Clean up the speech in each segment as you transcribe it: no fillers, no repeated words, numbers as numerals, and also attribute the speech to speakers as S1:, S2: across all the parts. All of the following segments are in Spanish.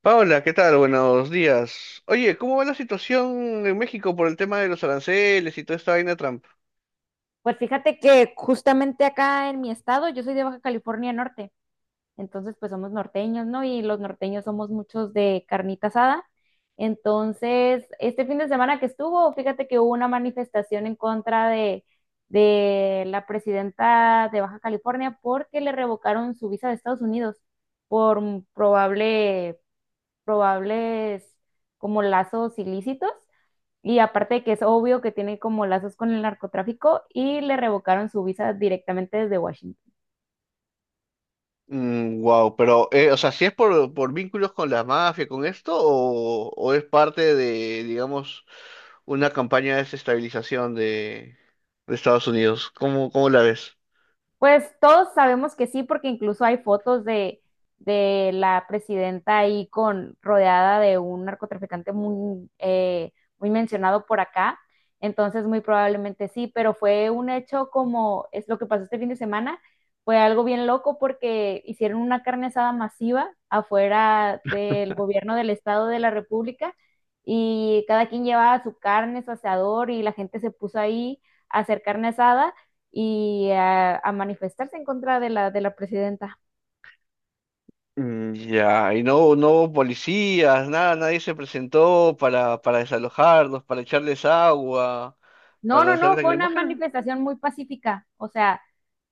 S1: Paola, ¿qué tal? Buenos días. Oye, ¿cómo va la situación en México por el tema de los aranceles y toda esta vaina de Trump?
S2: Pues fíjate que justamente acá en mi estado, yo soy de Baja California Norte, entonces pues somos norteños, ¿no? Y los norteños somos muchos de carnita asada. Entonces, este fin de semana que estuvo, fíjate que hubo una manifestación en contra de la presidenta de Baja California porque le revocaron su visa de Estados Unidos por probable, probables como lazos ilícitos. Y aparte de que es obvio que tiene como lazos con el narcotráfico y le revocaron su visa directamente desde Washington.
S1: Wow, pero, o sea, ¿si es por vínculos con la mafia, con esto, o es parte de, digamos, una campaña de desestabilización de Estados Unidos? ¿Cómo, cómo la ves?
S2: Pues todos sabemos que sí, porque incluso hay fotos de la presidenta ahí con rodeada de un narcotraficante muy, muy mencionado por acá. Entonces, muy probablemente sí, pero fue un hecho como es lo que pasó este fin de semana. Fue algo bien loco porque hicieron una carne asada masiva afuera del gobierno del Estado de la República y cada quien llevaba su carne, su asador y la gente se puso ahí a hacer carne asada y a manifestarse en contra de la presidenta.
S1: Mm, ya. Y no, no hubo policías, nada, nadie se presentó para desalojarlos, para echarles agua,
S2: No,
S1: para
S2: no,
S1: lanzarles
S2: no, fue una
S1: lacrimógenas.
S2: manifestación muy pacífica, o sea,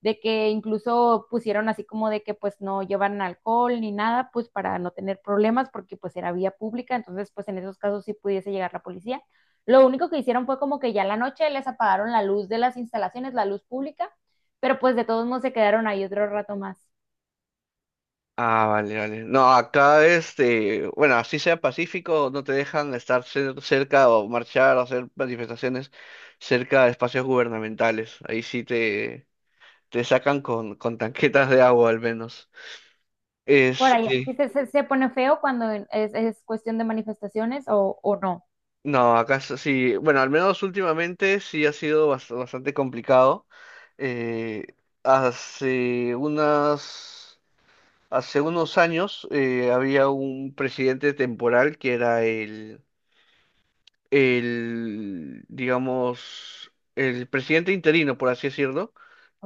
S2: de que incluso pusieron así como de que pues no llevan alcohol ni nada, pues para no tener problemas, porque pues era vía pública, entonces pues en esos casos sí pudiese llegar la policía. Lo único que hicieron fue como que ya en la noche les apagaron la luz de las instalaciones, la luz pública, pero pues de todos modos se quedaron ahí otro rato más.
S1: Ah, vale, vale. No, acá este, bueno, así sea pacífico, no te dejan estar cerca o marchar o hacer manifestaciones cerca de espacios gubernamentales. Ahí sí te sacan con tanquetas de agua al menos.
S2: Por ahí,
S1: Este,
S2: sí se pone feo cuando es cuestión de manifestaciones o no,
S1: no, acá sí, bueno, al menos últimamente sí ha sido bastante complicado. Eh, hace unas, hace unos años había un presidente temporal que era el, digamos, el presidente interino, por así decirlo,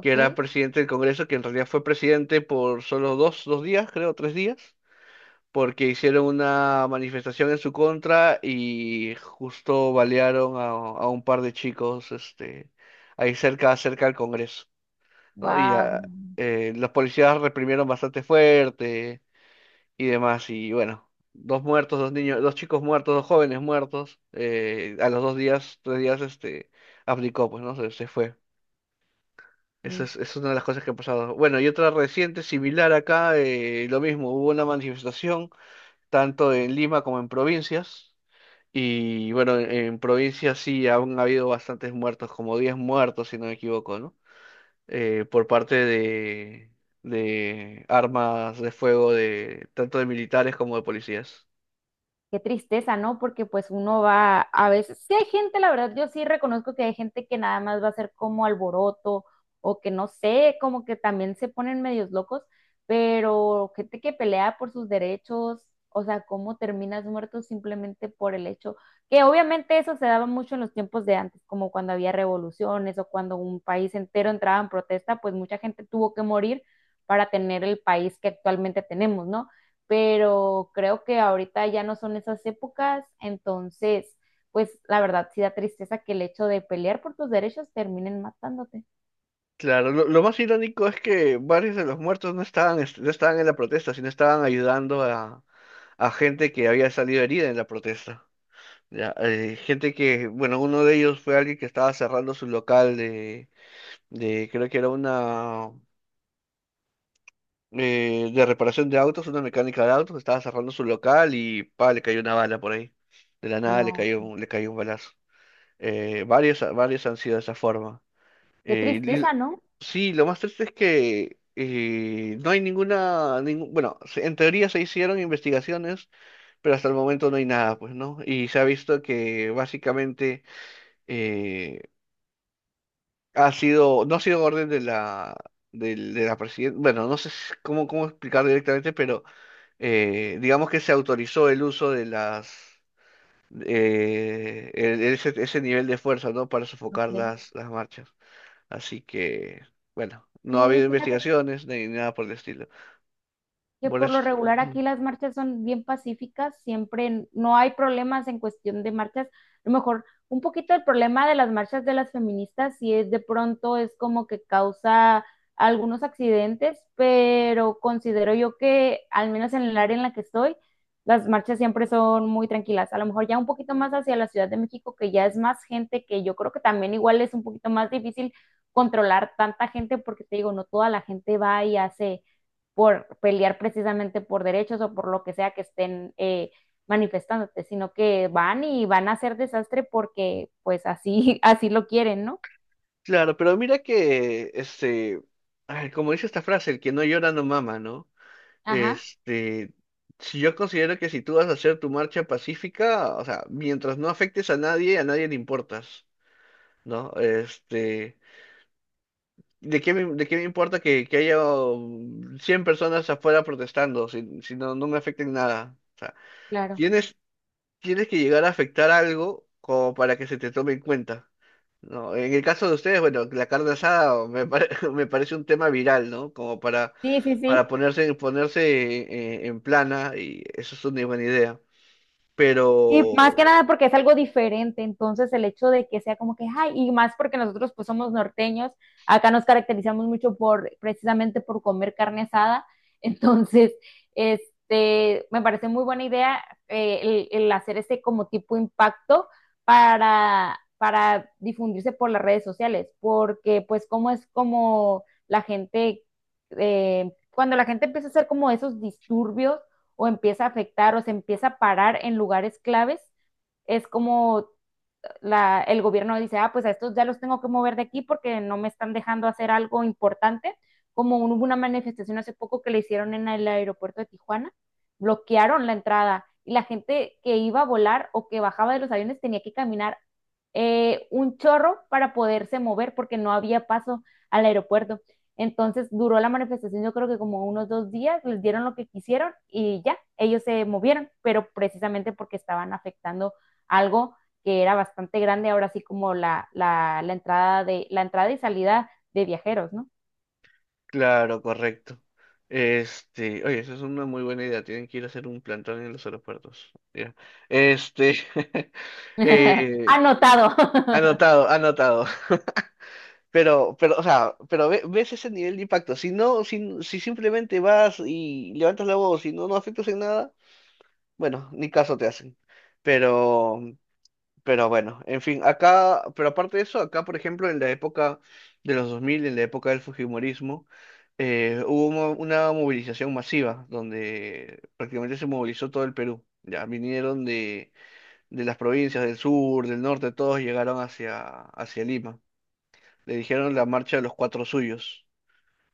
S1: que era presidente del Congreso, que en realidad fue presidente por solo dos días, creo, tres días, porque hicieron una manifestación en su contra y justo balearon a un par de chicos, este, ahí cerca, cerca del Congreso, ¿no?
S2: Wow,
S1: Los policías reprimieron bastante fuerte y demás. Y bueno, dos muertos, dos niños, dos chicos muertos, dos jóvenes muertos. A los dos días, tres días, este, abdicó, pues, ¿no? Se fue. Es una de las cosas que ha pasado. Bueno, y otra reciente, similar acá, lo mismo, hubo una manifestación, tanto en Lima como en provincias. Y bueno, en provincias sí aún ha habido bastantes muertos, como 10 muertos, si no me equivoco, ¿no? Por parte de armas de fuego de tanto de militares como de policías.
S2: qué tristeza, ¿no? Porque pues uno va a veces, sí hay gente, la verdad, yo sí reconozco que hay gente que nada más va a ser como alboroto o que no sé, como que también se ponen medios locos, pero gente que pelea por sus derechos, o sea, cómo terminas muerto simplemente por el hecho que obviamente eso se daba mucho en los tiempos de antes, como cuando había revoluciones o cuando un país entero entraba en protesta, pues mucha gente tuvo que morir para tener el país que actualmente tenemos, ¿no? Pero creo que ahorita ya no son esas épocas, entonces, pues la verdad sí da tristeza que el hecho de pelear por tus derechos terminen matándote.
S1: Claro, lo más irónico es que varios de los muertos no estaban, no estaban en la protesta, sino estaban ayudando a gente que había salido herida en la protesta. Ya, gente que, bueno, uno de ellos fue alguien que estaba cerrando su local de creo que era una, de reparación de autos, una mecánica de autos, estaba cerrando su local y, pa, le cayó una bala por ahí. De la nada le
S2: No,
S1: cayó, le cayó un balazo. Varios, varios han sido de esa forma.
S2: qué
S1: Eh, y-
S2: tristeza, ¿no?
S1: sí, lo más triste es que no hay ninguna, ningún, bueno, en teoría se hicieron investigaciones, pero hasta el momento no hay nada, pues, ¿no? Y se ha visto que básicamente eh, ha sido, no ha sido orden de la, la presidenta. Bueno, no sé cómo, cómo explicar directamente, pero digamos que se autorizó el uso de las, ese, ese nivel de fuerza, ¿no? Para sofocar
S2: Ok.
S1: las marchas. Así que, bueno, no ha
S2: Sí,
S1: habido
S2: fíjate
S1: investigaciones ni nada por el estilo.
S2: que
S1: Por
S2: por
S1: eso.
S2: lo regular
S1: Mm.
S2: aquí las marchas son bien pacíficas, siempre no hay problemas en cuestión de marchas. A lo mejor un poquito el problema de las marchas de las feministas si es de pronto es como que causa algunos accidentes, pero considero yo que al menos en el área en la que estoy, las marchas siempre son muy tranquilas. A lo mejor ya un poquito más hacia la Ciudad de México, que ya es más gente, que yo creo que también igual es un poquito más difícil controlar tanta gente porque te digo, no toda la gente va y hace por pelear precisamente por derechos o por lo que sea que estén manifestándote, sino que van y van a hacer desastre porque pues así, así lo quieren, ¿no?
S1: Claro, pero mira que, este, ay, como dice esta frase, el que no llora no mama, ¿no?
S2: Ajá,
S1: Este, si yo considero que si tú vas a hacer tu marcha pacífica, o sea, mientras no afectes a nadie le importas, ¿no? Este, ¿de qué me importa que haya 100 personas afuera protestando si, si no, no me afecten nada? O sea,
S2: claro.
S1: tienes, tienes que llegar a afectar algo como para que se te tome en cuenta, ¿no? En el caso de ustedes, bueno, la carne asada me parece un tema viral, ¿no? Como
S2: Sí, sí, sí.
S1: para ponerse, ponerse en plana y eso es una buena idea.
S2: Y más
S1: Pero,
S2: que nada porque es algo diferente, entonces el hecho de que sea como que, ay, y más porque nosotros pues somos norteños, acá nos caracterizamos mucho por, precisamente por comer carne asada, entonces, este, me parece muy buena idea, el hacer este como tipo impacto para difundirse por las redes sociales, porque pues como es como la gente, cuando la gente empieza a hacer como esos disturbios, o empieza a afectar o se empieza a parar en lugares claves, es como el gobierno dice, ah, pues a estos ya los tengo que mover de aquí porque no me están dejando hacer algo importante, como hubo una manifestación hace poco que le hicieron en el aeropuerto de Tijuana, bloquearon la entrada y la gente que iba a volar o que bajaba de los aviones tenía que caminar un chorro para poderse mover porque no había paso al aeropuerto. Entonces duró la manifestación, yo creo que como unos dos días, les dieron lo que quisieron y ya, ellos se movieron, pero precisamente porque estaban afectando algo que era bastante grande, ahora sí como la entrada la entrada y salida de viajeros, ¿no?
S1: claro, correcto. Este, oye, esa es una muy buena idea. Tienen que ir a hacer un plantón en los aeropuertos. Ya. Este, eh,
S2: Anotado.
S1: anotado, anotado. Pero, o sea, pero ves ese nivel de impacto. Si no, si, si simplemente vas y levantas la voz y no, no afectas en nada, bueno, ni caso te hacen. Pero, pero bueno, en fin, acá, pero aparte de eso, acá, por ejemplo, en la época de los 2000, en la época del fujimorismo, una movilización masiva donde prácticamente se movilizó todo el Perú. Ya vinieron de las provincias del sur, del norte, todos llegaron hacia Lima. Le dijeron la marcha de los cuatro suyos.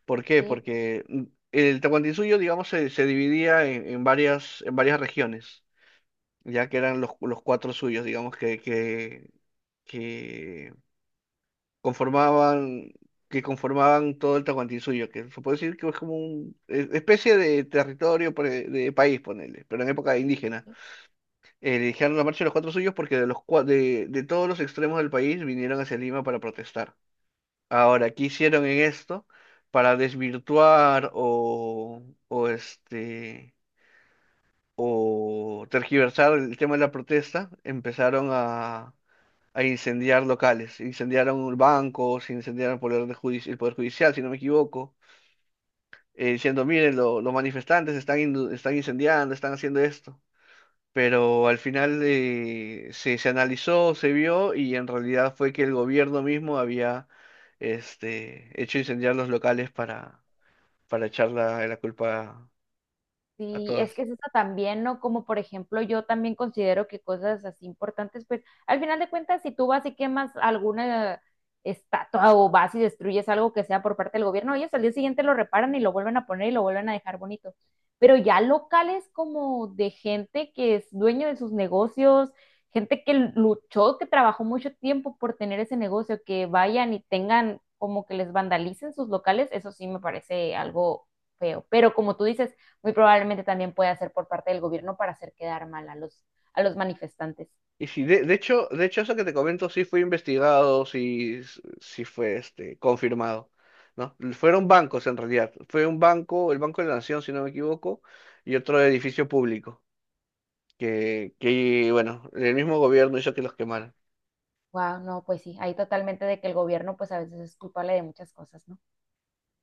S1: ¿Por qué?
S2: Ok.
S1: Porque mm, el Tahuantinsuyo, digamos, se dividía en varias regiones, ya que eran los cuatro suyos, digamos, que conformaban, que conformaban todo el Tahuantinsuyo, que se puede decir que es como una especie de territorio, de país, ponele, pero en época indígena. Le dijeron la marcha de los cuatro suyos porque de todos los extremos del país vinieron hacia Lima para protestar. Ahora, ¿qué hicieron en esto para desvirtuar o este o tergiversar el tema de la protesta? Empezaron a incendiar locales, incendiaron bancos, incendiaron el poder, el poder judicial, si no me equivoco, diciendo, miren, los manifestantes están, están incendiando, están haciendo esto. Pero al final se, se analizó, se vio y en realidad fue que el gobierno mismo había este, hecho incendiar los locales para echarla la culpa a
S2: Sí, es
S1: todas.
S2: que es eso también, ¿no? Como por ejemplo, yo también considero que cosas así importantes, pues al final de cuentas, si tú vas y quemas alguna estatua o vas y destruyes algo que sea por parte del gobierno, ellos al día siguiente lo reparan y lo vuelven a poner y lo vuelven a dejar bonito. Pero ya locales como de gente que es dueño de sus negocios, gente que luchó, que trabajó mucho tiempo por tener ese negocio, que vayan y tengan como que les vandalicen sus locales, eso sí me parece algo feo. Pero como tú dices, muy probablemente también puede hacer por parte del gobierno para hacer quedar mal a a los manifestantes.
S1: Y sí, de hecho eso que te comento sí fue investigado, sí, sí fue este, confirmado, ¿no? Fueron bancos en realidad. Fue un banco, el Banco de la Nación, si no me equivoco, y otro edificio público, que bueno, el mismo gobierno hizo que los quemaran.
S2: Wow, no, pues sí, ahí totalmente de que el gobierno pues a veces es culpable de muchas cosas, ¿no?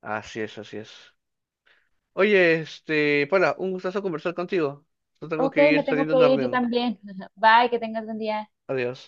S1: Así es, así es. Oye, este, Paula, un gustazo conversar contigo. Yo tengo
S2: Ok,
S1: que
S2: me
S1: ir
S2: tengo
S1: saliendo a
S2: que
S1: una
S2: ir yo
S1: reunión.
S2: también. Bye, que tengas buen día.
S1: Adiós.